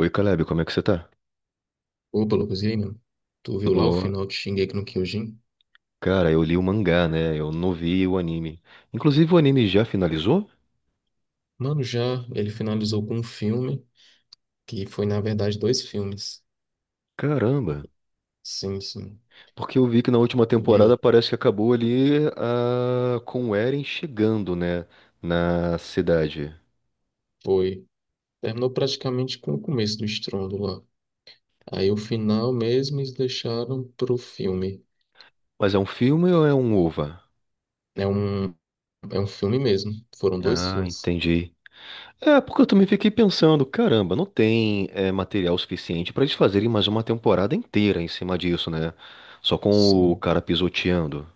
Oi, Caleb, como é que você tá? Opa, Lucas, e aí, mano? Tu viu lá o Tudo... final de Shingeki no Kyojin? Cara, eu li o mangá, né? Eu não vi o anime. Inclusive, o anime já finalizou? Mano, já ele finalizou com um filme, que foi, na verdade, dois filmes. Caramba! Sim, sim. Porque eu vi que na última E temporada aí? parece que acabou ali com o Eren chegando, né? Na cidade. Foi. Terminou praticamente com o começo do estrondo lá. Aí o final mesmo eles deixaram pro filme. Mas é um filme ou é um OVA? É um, é um filme mesmo. Foram dois Ah, filmes. entendi. É, porque eu também fiquei pensando, caramba, não tem material suficiente pra eles fazerem mais uma temporada inteira em cima disso, né? Só com o Sim. cara pisoteando.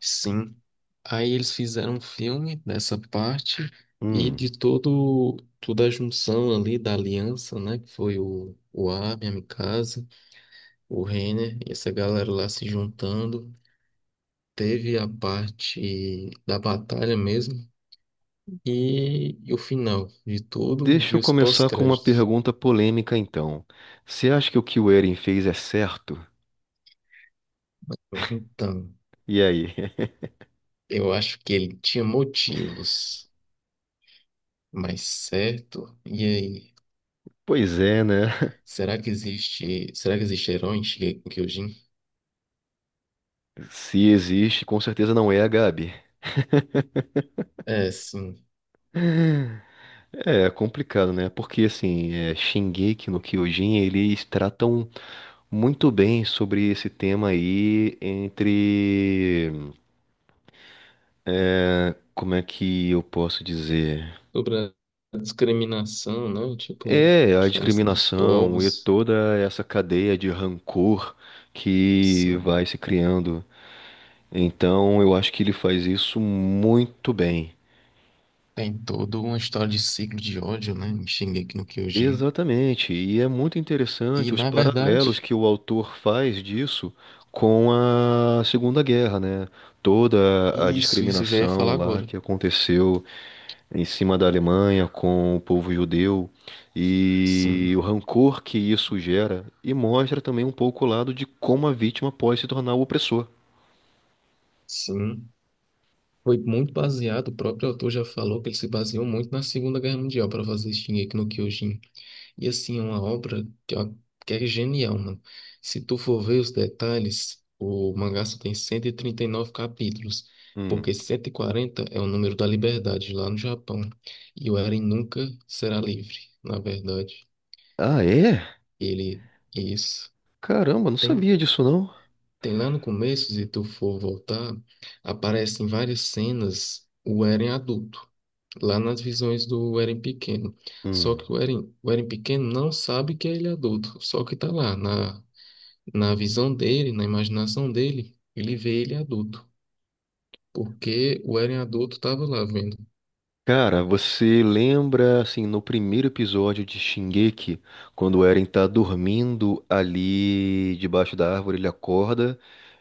Sim. Aí eles fizeram um filme dessa parte e Hum. de todo toda a junção ali da aliança, né? Que foi o Armin, a Mikasa, o Reiner e essa galera lá se juntando. Teve a parte da batalha mesmo e o final de tudo Deixa e eu os começar com uma pós-créditos. pergunta polêmica, então. Você acha que o Eren fez é certo? Então, E aí? eu acho que ele tinha motivos, mas certo? E aí? Pois é, né? Será que existe herói em Kyojin? Se existe, com certeza não é a Gabi. É, sim. É é, complicado, né? Porque assim, é, Shingeki no Kyojin, eles tratam muito bem sobre esse tema aí entre, como é que eu posso dizer? Sobre a discriminação, né? Tipo, É, a diferença dos discriminação e povos. toda essa cadeia de rancor que vai Sim. se criando. Então, eu acho que ele faz isso muito bem. Tem toda uma história de ciclo de ódio, né? Em Shingeki no Kyojin. Exatamente, e é muito interessante E, os na paralelos verdade, que o autor faz disso com a Segunda Guerra, né? Toda a isso eu já ia falar discriminação lá agora. que aconteceu em cima da Alemanha com o povo judeu e Sim, o rancor que isso gera, e mostra também um pouco o lado de como a vítima pode se tornar o opressor. sim. Foi muito baseado, o próprio autor já falou que ele se baseou muito na Segunda Guerra Mundial para fazer Shingeki no Kyojin. E assim, é uma obra que, ó, que é genial, mano. Se tu for ver os detalhes, o mangá só tem 139 capítulos, porque Hum. 140 é o número da liberdade lá no Japão. E o Eren nunca será livre, na verdade. Ah, é? Ele, isso. Caramba, não Tem, sabia disso não. tem lá no começo, se tu for voltar, aparecem várias cenas o Eren adulto. Lá nas visões do Eren pequeno. Só Hum. que o Eren pequeno não sabe que ele é adulto. Só que tá lá na, na visão dele, na imaginação dele, ele vê ele adulto, porque o Eren adulto estava lá vendo. Cara, você lembra, assim, no primeiro episódio de Shingeki, quando o Eren tá dormindo ali debaixo da árvore, ele acorda,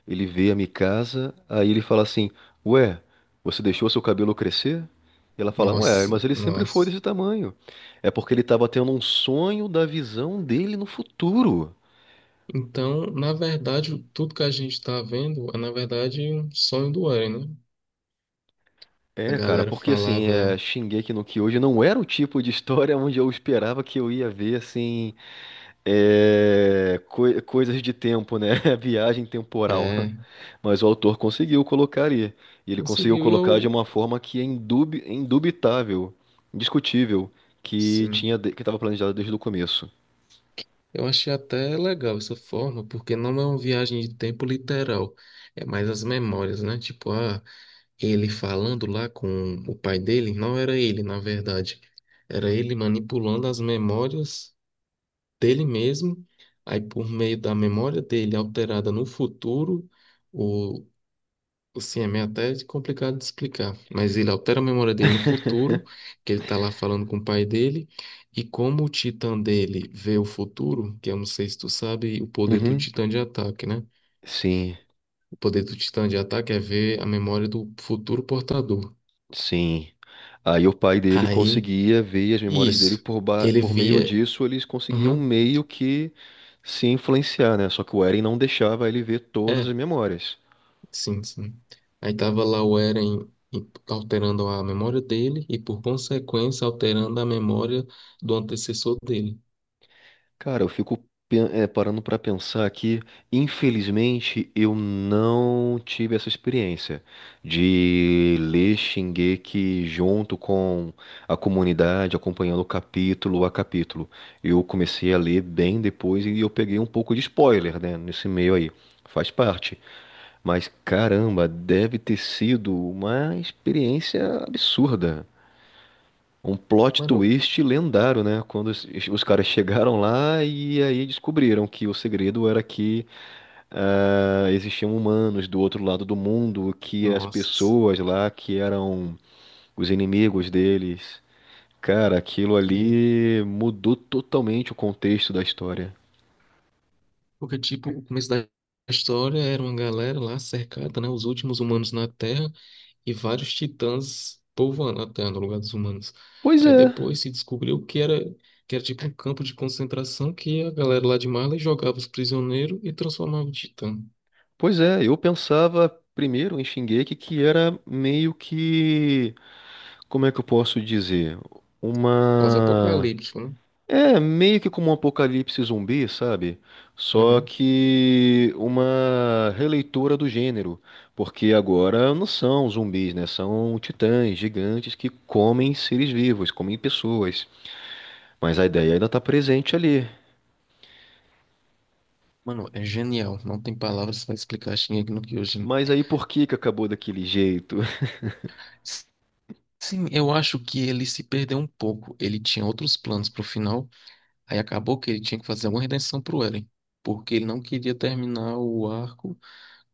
ele vê a Mikasa, aí ele fala assim, Ué, você deixou seu cabelo crescer? E ela fala, Ué, Nossa, mas ele sempre foi nossa. desse tamanho. É porque ele tava tendo um sonho da visão dele no futuro. Então, na verdade, tudo que a gente está vendo é, na verdade, um sonho do Eren, né? A É, cara, galera porque assim, é, falava, Shingeki no Kyojin não era o tipo de história onde eu esperava que eu ia ver, assim. É, coisas de tempo, né? Viagem temporal. é, Mas o autor conseguiu colocar ali. E ele conseguiu conseguiu. E colocar de eu, uma forma que é indubitável, indiscutível, que sim, tinha que estava planejado desde o começo. eu achei até legal essa forma, porque não é uma viagem de tempo literal, é mais as memórias, né? Tipo, ah, ele falando lá com o pai dele, não era ele, na verdade. Era ele manipulando as memórias dele mesmo. Aí, por meio da memória dele alterada no futuro, o. Sim, é meio até complicado de explicar, mas ele altera a memória dele no futuro, que ele tá lá falando com o pai dele, e como o titã dele vê o futuro, que eu não sei se tu sabe, o poder do Uhum. titã de ataque, né? Sim, O poder do titã de ataque é ver a memória do futuro portador. sim. Aí o pai dele Aí conseguia ver as memórias dele isso. por, Ele por meio via. disso, eles conseguiam um Aham. meio que se influenciar, né? Só que o Eren não deixava ele ver todas as É, memórias. sim, sim. Aí tava lá o alterando a memória dele e, por consequência, alterando a memória do antecessor dele. Cara, eu fico parando pra pensar que, infelizmente, eu não tive essa experiência de ler Shingeki junto com a comunidade, acompanhando capítulo a capítulo. Eu comecei a ler bem depois e eu peguei um pouco de spoiler, né, nesse meio aí. Faz parte. Mas caramba, deve ter sido uma experiência absurda. Um plot Mano, twist lendário, né? Quando os caras chegaram lá e aí descobriram que o segredo era que existiam humanos do outro lado do mundo, que as nossa, sim. pessoas lá que eram os inimigos deles. Cara, aquilo E... ali mudou totalmente o contexto da história. porque, tipo, o começo da história era uma galera lá cercada, né? Os últimos humanos na Terra e vários titãs povoando a Terra no lugar dos humanos. Pois Aí é, depois se descobriu que era tipo um campo de concentração que a galera lá de Marley jogava os prisioneiros e transformava em titã. pois é. Eu pensava primeiro em Shingeki que era meio que, como é que eu posso dizer? Uma... Pós-apocalíptico, né? É meio que como um apocalipse zumbi, sabe? Só Uhum. que uma releitura do gênero, porque agora não são zumbis, né? São titãs gigantes que comem seres vivos, comem pessoas. Mas a ideia ainda tá presente ali. Mano, é genial. Não tem palavras para explicar Shingeki no Kyojin. Mas aí por que que acabou daquele jeito? S- Sim, eu acho que ele se perdeu um pouco. Ele tinha outros planos pro final. Aí acabou que ele tinha que fazer uma redenção pro Eren. Porque ele não queria terminar o arco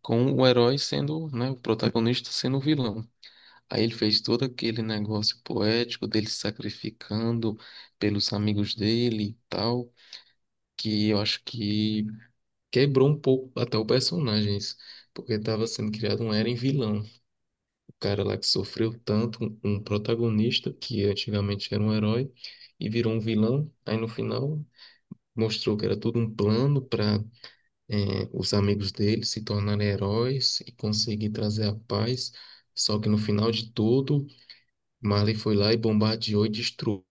com o herói sendo, né, o protagonista sendo o vilão. Aí ele fez todo aquele negócio poético dele se sacrificando pelos amigos dele e tal, que eu acho que quebrou um pouco até o personagem, isso, porque estava sendo criado um Eren vilão. O cara lá que sofreu tanto, um protagonista que antigamente era um herói e virou um vilão. Aí no final mostrou que era tudo um plano para os amigos dele se tornarem heróis e conseguir trazer a paz. Só que no final de tudo Marley foi lá e bombardeou e destruiu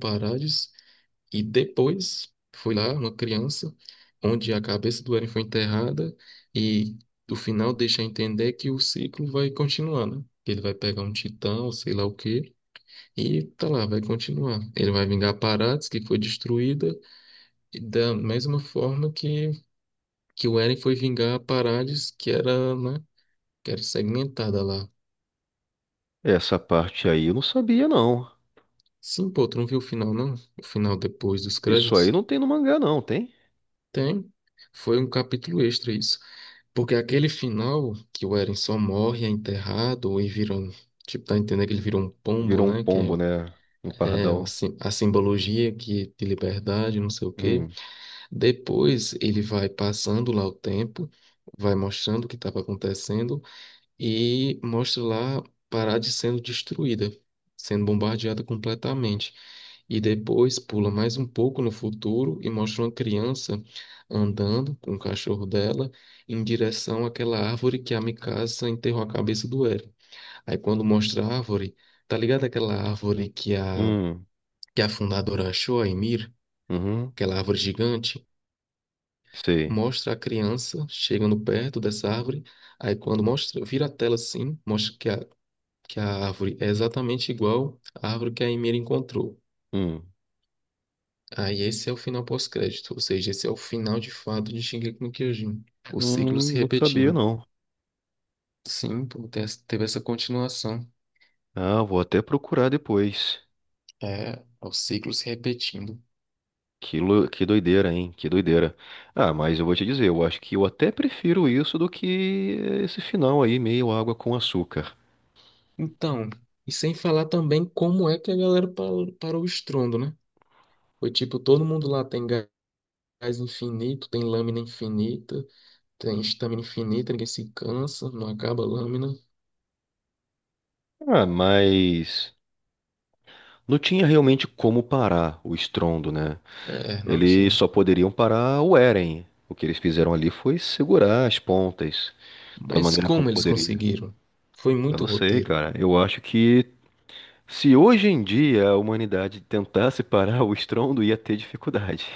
Paradis. E depois foi lá uma criança, onde a cabeça do Eren foi enterrada. E no final deixa entender que o ciclo vai continuar, né? Que ele vai pegar um titã, ou sei lá o quê, e tá lá, vai continuar. Ele vai vingar Paradis, que foi destruída, e da mesma forma que o Eren foi vingar Paradis, que era, né? Que era segmentada lá. Essa parte aí eu não sabia, não. Sim, pô, tu não viu o final, não? O final depois dos Isso aí créditos? não tem no mangá, não, tem? Tem. Foi um capítulo extra isso. Porque aquele final, que o Eren só morre, é enterrado e vira um. Tipo, tá entendendo que ele virou um pombo, Virou um né? Que pombo, né? Um é, é pardal. assim, a simbologia que de liberdade, não sei o quê. Hum, Depois ele vai passando lá o tempo, vai mostrando o que estava acontecendo e mostra lá Parade sendo destruída, sendo bombardeada completamente. E depois pula mais um pouco no futuro e mostra uma criança andando com o cachorro dela em direção àquela árvore que a Mikasa enterrou a cabeça do Eren. Aí quando mostra a árvore, tá ligado aquela árvore hum, que a fundadora achou, a Emir, uhum, aquela árvore gigante? sei. Mostra a criança chegando perto dessa árvore. Aí quando mostra, vira a tela assim, mostra que a árvore é exatamente igual à árvore que a Emira encontrou. Hum, Aí esse é o final pós-crédito, ou seja, esse é o final de fato de Shingeki no Kyojin, o ciclo se não sabia, repetindo. não. Sim, pô, teve essa continuação, Ah, vou até procurar depois. é, é o ciclo se repetindo. Que, que doideira, hein? Que doideira. Ah, mas eu vou te dizer, eu acho que eu até prefiro isso do que esse final aí, meio água com açúcar. Então, e sem falar também como é que a galera parou o estrondo, né? Foi tipo, todo mundo lá tem gás infinito, tem lâmina infinita, tem estamina infinita, ninguém se cansa, não acaba a lâmina. Ah, mas não tinha realmente como parar o estrondo, né? É, não Eles tinha. só poderiam parar o Eren. O que eles fizeram ali foi segurar as pontas da Mas maneira como como eles poderia. conseguiram? Foi Eu muito não sei, roteiro. cara. Eu acho que se hoje em dia a humanidade tentasse parar o estrondo, ia ter dificuldade.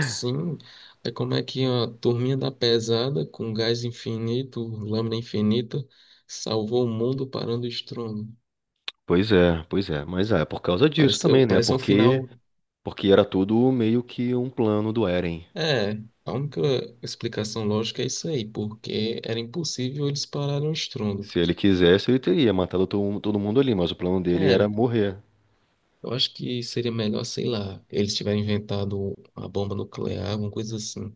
Sim, é como é que a turminha da pesada, com gás infinito, lâmina infinita, salvou o mundo parando o estrondo. Pois é, pois é. Mas é por causa disso também, né? Pareceu um Porque, final. porque era tudo meio que um plano do Eren. É, a única explicação lógica é isso aí, porque era impossível eles pararem o estrondo. Se ele quisesse, ele teria matado todo mundo ali, mas o plano dele era Era. morrer. Eu acho que seria melhor, sei lá, eles tiverem inventado uma bomba nuclear, alguma coisa assim.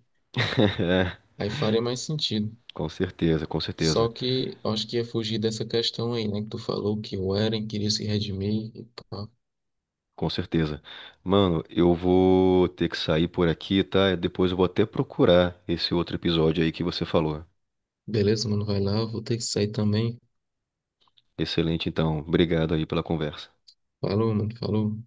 É, Aí faria mais sentido. com certeza, com Só certeza, que eu acho que ia fugir dessa questão aí, né? Que tu falou que o Eren queria se redimir e pá. com certeza. Mano, eu vou ter que sair por aqui, tá? Depois eu vou até procurar esse outro episódio aí que você falou. Beleza, mano, vai lá, vou ter que sair também. Excelente, então. Obrigado aí pela conversa. Falou, mano, falou.